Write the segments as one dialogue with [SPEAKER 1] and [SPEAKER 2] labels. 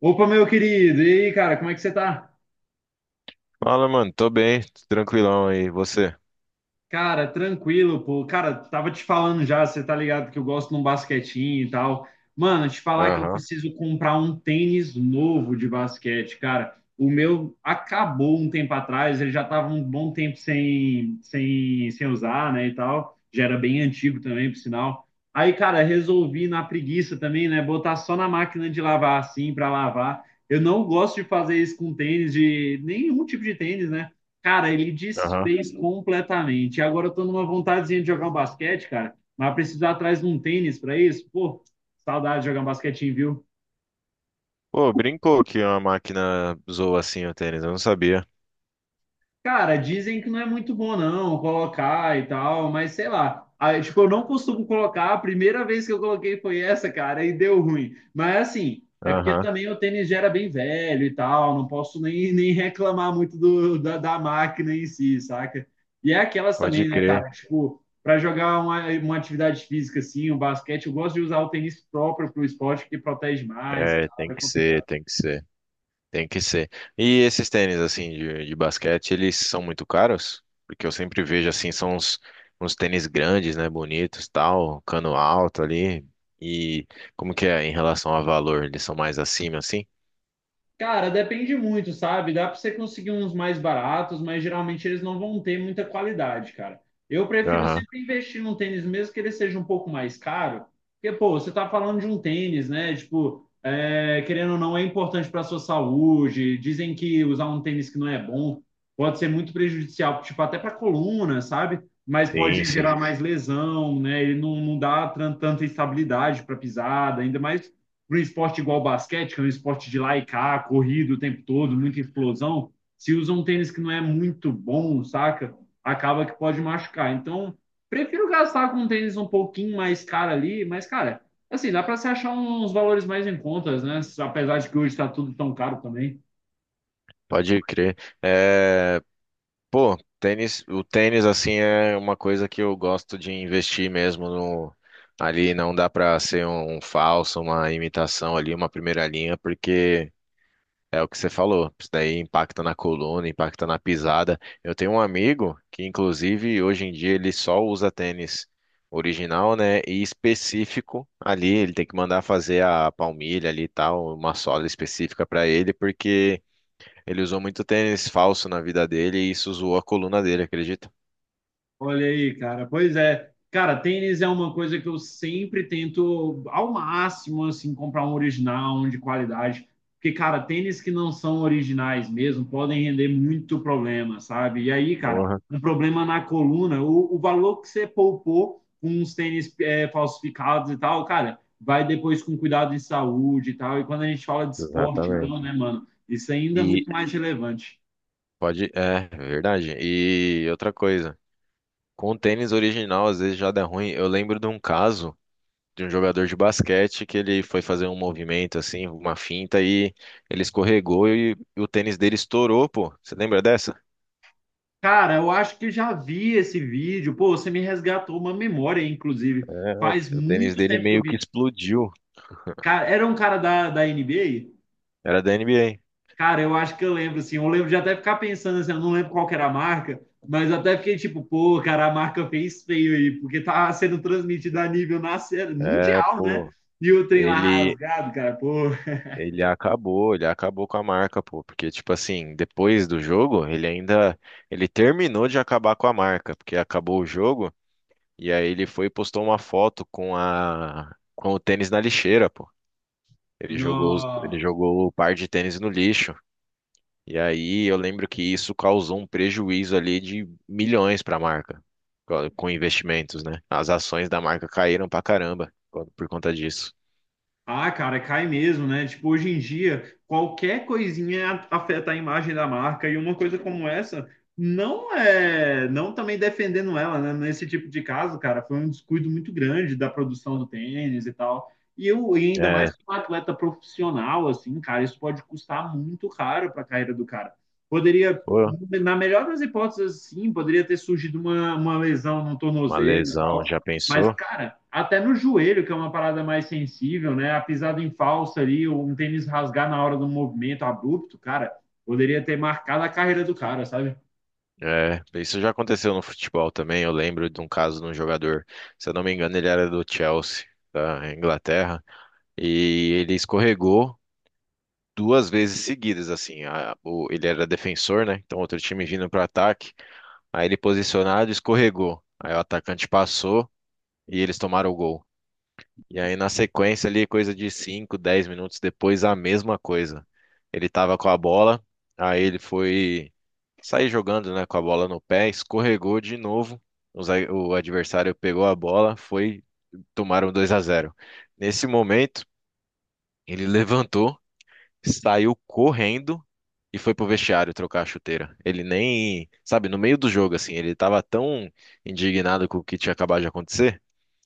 [SPEAKER 1] Opa, meu querido, e aí, cara, como é que você tá?
[SPEAKER 2] Fala, mano. Tô bem, tranquilão aí. Você?
[SPEAKER 1] Cara, tranquilo, pô. Cara, tava te falando já, você tá ligado que eu gosto de um basquetinho e tal. Mano, te falar que eu
[SPEAKER 2] Aham,
[SPEAKER 1] preciso comprar um tênis novo de basquete, cara. O meu acabou um tempo atrás, ele já tava um bom tempo sem usar, né, e tal. Já era bem antigo também, por sinal. Aí, cara, resolvi na preguiça também, né, botar só na máquina de lavar assim, pra lavar. Eu não gosto de fazer isso com tênis, de nenhum tipo de tênis, né? Cara, ele
[SPEAKER 2] aham.
[SPEAKER 1] desfez completamente. Agora eu tô numa vontadezinha de jogar um basquete, cara. Mas precisar preciso atrás de um tênis pra isso. Pô, saudade de jogar um basquetinho, viu?
[SPEAKER 2] Pô, brincou que uma máquina zoa assim o tênis, eu não sabia.
[SPEAKER 1] Cara, dizem que não é muito bom não colocar e tal, mas sei lá. Aí, tipo, eu não costumo colocar, a primeira vez que eu coloquei foi essa, cara, e deu ruim. Mas assim, é porque
[SPEAKER 2] Aham,
[SPEAKER 1] também o tênis já era bem velho e tal, não posso nem reclamar muito da máquina em si, saca? E é aquelas
[SPEAKER 2] pode
[SPEAKER 1] também, né,
[SPEAKER 2] crer.
[SPEAKER 1] cara? Tipo, para jogar uma atividade física assim, o basquete, eu gosto de usar o tênis próprio pro esporte, que protege mais, e
[SPEAKER 2] É,
[SPEAKER 1] tal,
[SPEAKER 2] tem
[SPEAKER 1] é
[SPEAKER 2] que ser,
[SPEAKER 1] complicado.
[SPEAKER 2] tem que ser, tem que ser. E esses tênis assim de basquete, eles são muito caros? Porque eu sempre vejo assim, são uns tênis grandes, né, bonitos, tal, cano alto ali. E como que é em relação a valor? Eles são mais acima assim?
[SPEAKER 1] Cara, depende muito, sabe? Dá para você conseguir uns mais baratos, mas geralmente eles não vão ter muita qualidade, cara. Eu prefiro
[SPEAKER 2] Aham,
[SPEAKER 1] sempre investir num tênis, mesmo que ele seja um pouco mais caro, porque, pô, você tá falando de um tênis, né? Tipo, é, querendo ou não, é importante para sua saúde. Dizem que usar um tênis que não é bom pode ser muito prejudicial, tipo, até para coluna, sabe? Mas
[SPEAKER 2] sim,
[SPEAKER 1] pode
[SPEAKER 2] sim.
[SPEAKER 1] gerar mais lesão, né? Ele não dá tanta estabilidade para pisada, ainda mais para um esporte igual basquete, que é um esporte de lá e cá, corrido o tempo todo, muita explosão, se usa um tênis que não é muito bom, saca? Acaba que pode machucar. Então, prefiro gastar com um tênis um pouquinho mais caro ali, mas, cara, assim, dá para se achar uns valores mais em contas, né? Apesar de que hoje está tudo tão caro também.
[SPEAKER 2] Pode crer. É, pô, o tênis assim é uma coisa que eu gosto de investir mesmo no ali não dá pra ser um falso, uma imitação ali, uma primeira linha, porque é o que você falou, isso daí impacta na coluna, impacta na pisada. Eu tenho um amigo que inclusive hoje em dia ele só usa tênis original, né, e específico ali, ele tem que mandar fazer a palmilha ali e tal, uma sola específica pra ele, porque ele usou muito tênis falso na vida dele e isso zoou a coluna dele, acredita?
[SPEAKER 1] Olha aí, cara. Pois é. Cara, tênis é uma coisa que eu sempre tento ao máximo assim comprar um original, um de qualidade, porque cara, tênis que não são originais mesmo podem render muito problema, sabe? E aí, cara,
[SPEAKER 2] Porra,
[SPEAKER 1] um problema na coluna, o valor que você poupou com uns tênis é, falsificados e tal, cara, vai depois com cuidado em saúde e tal. E quando a gente fala de esporte, então,
[SPEAKER 2] exatamente.
[SPEAKER 1] né, mano, isso ainda é
[SPEAKER 2] E
[SPEAKER 1] muito mais relevante.
[SPEAKER 2] pode, é verdade. E outra coisa, com o tênis original às vezes já dá ruim. Eu lembro de um caso de um jogador de basquete que ele foi fazer um movimento assim, uma finta e ele escorregou e o tênis dele estourou, pô. Você lembra dessa?
[SPEAKER 1] Cara, eu acho que já vi esse vídeo. Pô, você me resgatou uma memória, inclusive.
[SPEAKER 2] É, O
[SPEAKER 1] Faz
[SPEAKER 2] o tênis
[SPEAKER 1] muito
[SPEAKER 2] dele
[SPEAKER 1] tempo que eu
[SPEAKER 2] meio que
[SPEAKER 1] vi.
[SPEAKER 2] explodiu.
[SPEAKER 1] Cara, era um cara da NBA.
[SPEAKER 2] Era da NBA.
[SPEAKER 1] Cara, eu acho que eu lembro, assim. Eu lembro de até ficar pensando, assim, eu não lembro qual que era a marca, mas até fiquei tipo, pô, cara, a marca fez feio aí, porque tá sendo transmitida a nível nacional,
[SPEAKER 2] É,
[SPEAKER 1] mundial, né?
[SPEAKER 2] pô.
[SPEAKER 1] E o trem lá
[SPEAKER 2] Ele
[SPEAKER 1] rasgado, cara, pô.
[SPEAKER 2] Ele ele acabou com a marca, pô, porque tipo assim, depois do jogo, ele terminou de acabar com a marca, porque acabou o jogo e aí ele foi e postou uma foto com o tênis na lixeira, pô. Ele
[SPEAKER 1] Nossa.
[SPEAKER 2] jogou o par de tênis no lixo. E aí eu lembro que isso causou um prejuízo ali de milhões para a marca, com investimentos, né? As ações da marca caíram pra caramba por conta disso.
[SPEAKER 1] Ah, cara, cai mesmo, né? Tipo, hoje em dia, qualquer coisinha afeta a imagem da marca e uma coisa como essa não é, não também defendendo ela, né? Nesse tipo de caso, cara, foi um descuido muito grande da produção do tênis e tal. E eu, e ainda mais
[SPEAKER 2] É,
[SPEAKER 1] para um atleta profissional, assim, cara, isso pode custar muito caro para a carreira do cara. Poderia,
[SPEAKER 2] pô,
[SPEAKER 1] na melhor das hipóteses, sim, poderia ter surgido uma lesão no
[SPEAKER 2] uma
[SPEAKER 1] tornozelo,
[SPEAKER 2] lesão, já
[SPEAKER 1] mas,
[SPEAKER 2] pensou?
[SPEAKER 1] cara, até no joelho, que é uma parada mais sensível, né? A pisada em falsa ali, um tênis rasgar na hora do movimento abrupto, cara, poderia ter marcado a carreira do cara, sabe?
[SPEAKER 2] É, isso já aconteceu no futebol também. Eu lembro de um caso de um jogador, se eu não me engano, ele era do Chelsea, da Inglaterra, e ele escorregou duas vezes seguidas, assim. Ele era defensor, né? Então outro time vindo para ataque, aí ele posicionado, escorregou. Aí o atacante passou e eles tomaram o gol. E aí, na sequência ali, coisa de 5 10 minutos depois, a mesma coisa. Ele tava com a bola, aí ele foi sair jogando, né, com a bola no pé, escorregou de novo. O adversário pegou a bola, foi, tomaram 2 a 0. Nesse momento, ele levantou, saiu correndo e foi pro vestiário trocar a chuteira. Ele nem, sabe, no meio do jogo assim, ele tava tão indignado com o que tinha acabado de acontecer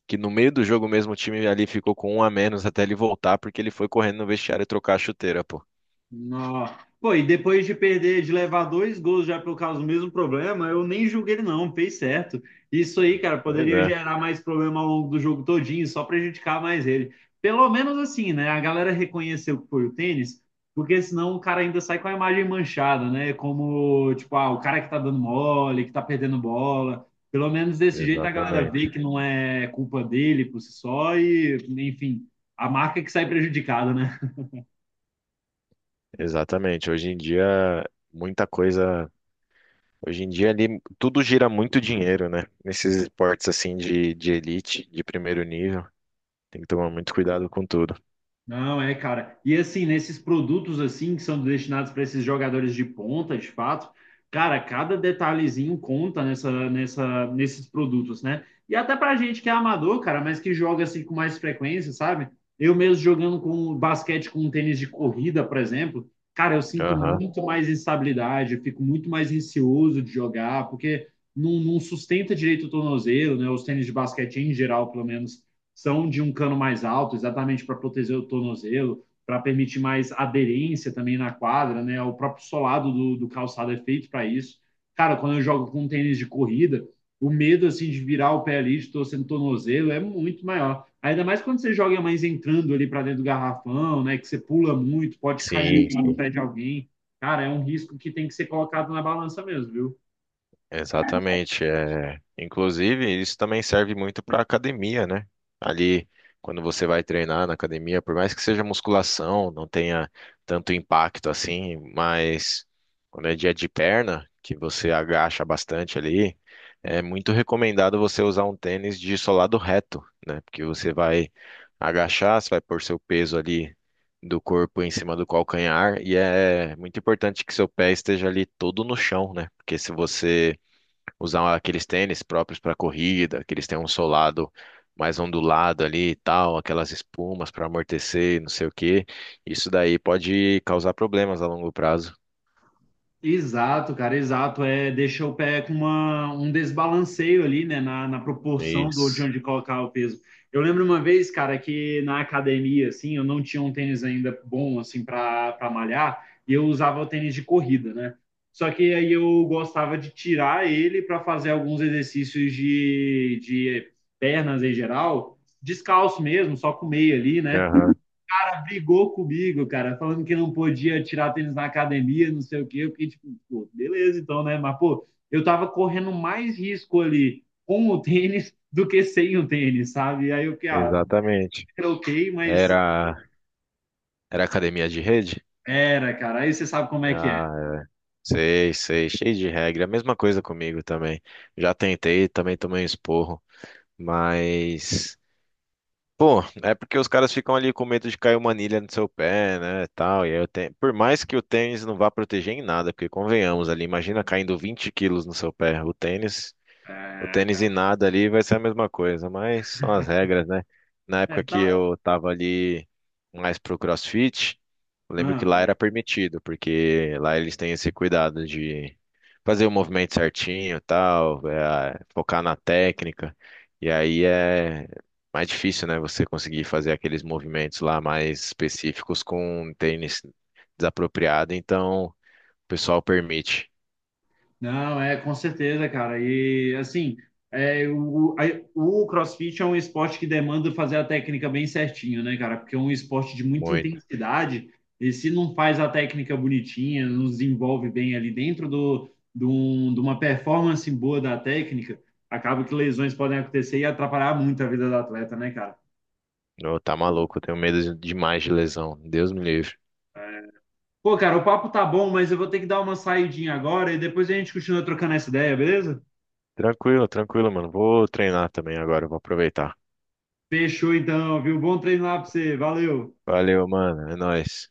[SPEAKER 2] que no meio do jogo mesmo o time ali ficou com um a menos até ele voltar, porque ele foi correndo no vestiário e trocar a chuteira, pô.
[SPEAKER 1] Nó. Pô, e depois de perder, de levar dois gols já por causa do mesmo problema, eu nem julguei ele não, fez certo. Isso aí, cara,
[SPEAKER 2] Pois
[SPEAKER 1] poderia
[SPEAKER 2] é,
[SPEAKER 1] gerar mais problema ao longo do jogo todinho, só prejudicar mais ele. Pelo menos assim, né? A galera reconheceu que foi o tênis, porque senão o cara ainda sai com a imagem manchada, né? Como, tipo, ah, o cara que tá dando mole, que tá perdendo bola. Pelo menos desse jeito a galera vê
[SPEAKER 2] exatamente.
[SPEAKER 1] que não é culpa dele por si só e, enfim, a marca que sai prejudicada, né?
[SPEAKER 2] Exatamente. Hoje em dia, muita coisa. Hoje em dia ali tudo gira muito dinheiro, né? Nesses esportes assim de elite, de primeiro nível. Tem que tomar muito cuidado com tudo.
[SPEAKER 1] Não, é, cara. E assim, nesses produtos assim que são destinados para esses jogadores de ponta, de fato, cara, cada detalhezinho conta nesses produtos, né? E até pra gente que é amador, cara, mas que joga assim com mais frequência, sabe? Eu mesmo jogando com basquete com um tênis de corrida, por exemplo, cara, eu sinto
[SPEAKER 2] Aham.
[SPEAKER 1] muito mais instabilidade, eu fico muito mais receoso de jogar, porque não sustenta direito o tornozelo, né? Os tênis de basquete em geral, pelo menos são de um cano mais alto, exatamente para proteger o tornozelo, para permitir mais aderência também na quadra, né? O próprio solado do calçado é feito para isso. Cara, quando eu jogo com tênis de corrida, o medo assim de virar o pé ali, de torcer no tornozelo, é muito maior. Ainda mais quando você joga mais entrando ali para dentro do garrafão, né? Que você pula muito, pode
[SPEAKER 2] Sim,
[SPEAKER 1] cair no
[SPEAKER 2] sim.
[SPEAKER 1] pé de alguém. Cara, é um risco que tem que ser colocado na balança mesmo, viu?
[SPEAKER 2] Exatamente. É... Inclusive, isso também serve muito para academia, né? Ali, quando você vai treinar na academia, por mais que seja musculação, não tenha tanto impacto assim, mas quando é dia de perna, que você agacha bastante ali, é muito recomendado você usar um tênis de solado reto, né? Porque você vai agachar, você vai pôr seu peso ali do corpo em cima do calcanhar, e é muito importante que seu pé esteja ali todo no chão, né? Porque se você usar aqueles tênis próprios para corrida, que eles têm um solado mais ondulado ali e tal, aquelas espumas para amortecer, e não sei o quê. Isso daí pode causar problemas a longo prazo.
[SPEAKER 1] Exato, cara, exato. É, deixa o pé com uma, um desbalanceio ali, né, na proporção do de
[SPEAKER 2] Isso.
[SPEAKER 1] onde colocar o peso. Eu lembro uma vez, cara, que na academia, assim, eu não tinha um tênis ainda bom, assim, para malhar, e eu usava o tênis de corrida, né? Só que aí eu gostava de tirar ele para fazer alguns exercícios de pernas em geral, descalço mesmo, só com meia ali, né?
[SPEAKER 2] Aham,
[SPEAKER 1] Brigou comigo, cara, falando que não podia tirar tênis na academia, não sei o quê. Eu fiquei tipo, pô, beleza então, né? Mas, pô, eu tava correndo mais risco ali com o tênis do que sem o tênis, sabe? E aí eu fiquei, ah,
[SPEAKER 2] exatamente.
[SPEAKER 1] troquei, mas
[SPEAKER 2] Era, era academia de rede?
[SPEAKER 1] era, cara. Aí você sabe como é que é.
[SPEAKER 2] Ah, sei, sei, cheio de regra. A mesma coisa comigo também. Já tentei, também tomei um esporro, mas pô, é porque os caras ficam ali com medo de cair uma anilha no seu pé, né, tal, e aí eu tenho... Por mais que o tênis não vá proteger em nada, porque convenhamos ali, imagina caindo 20 quilos no seu pé, o tênis o
[SPEAKER 1] É,
[SPEAKER 2] tênis
[SPEAKER 1] cara.
[SPEAKER 2] e nada ali vai ser a mesma coisa, mas são as regras, né? Na
[SPEAKER 1] É,
[SPEAKER 2] época que
[SPEAKER 1] tá.
[SPEAKER 2] eu tava ali mais pro CrossFit, eu lembro
[SPEAKER 1] Ah,
[SPEAKER 2] que lá era permitido, porque lá eles têm esse cuidado de fazer o movimento certinho, e tal, é, focar na técnica. E aí é mais difícil, né, você conseguir fazer aqueles movimentos lá mais específicos com um tênis desapropriado, então o pessoal permite.
[SPEAKER 1] não, é com certeza, cara. E assim, o CrossFit é um esporte que demanda fazer a técnica bem certinho, né, cara? Porque é um esporte de muita
[SPEAKER 2] Muito.
[SPEAKER 1] intensidade e se não faz a técnica bonitinha, não desenvolve bem ali dentro de uma performance boa da técnica, acaba que lesões podem acontecer e atrapalhar muito a vida do atleta, né, cara?
[SPEAKER 2] Ô, tá maluco, eu tenho medo demais de lesão. Deus me livre.
[SPEAKER 1] Pô, cara, o papo tá bom, mas eu vou ter que dar uma saidinha agora e depois a gente continua trocando essa ideia, beleza?
[SPEAKER 2] Tranquilo, tranquilo, mano. Vou treinar também agora, vou aproveitar.
[SPEAKER 1] Fechou então, viu? Bom treino lá pra você. Valeu!
[SPEAKER 2] Valeu, mano. É nóis.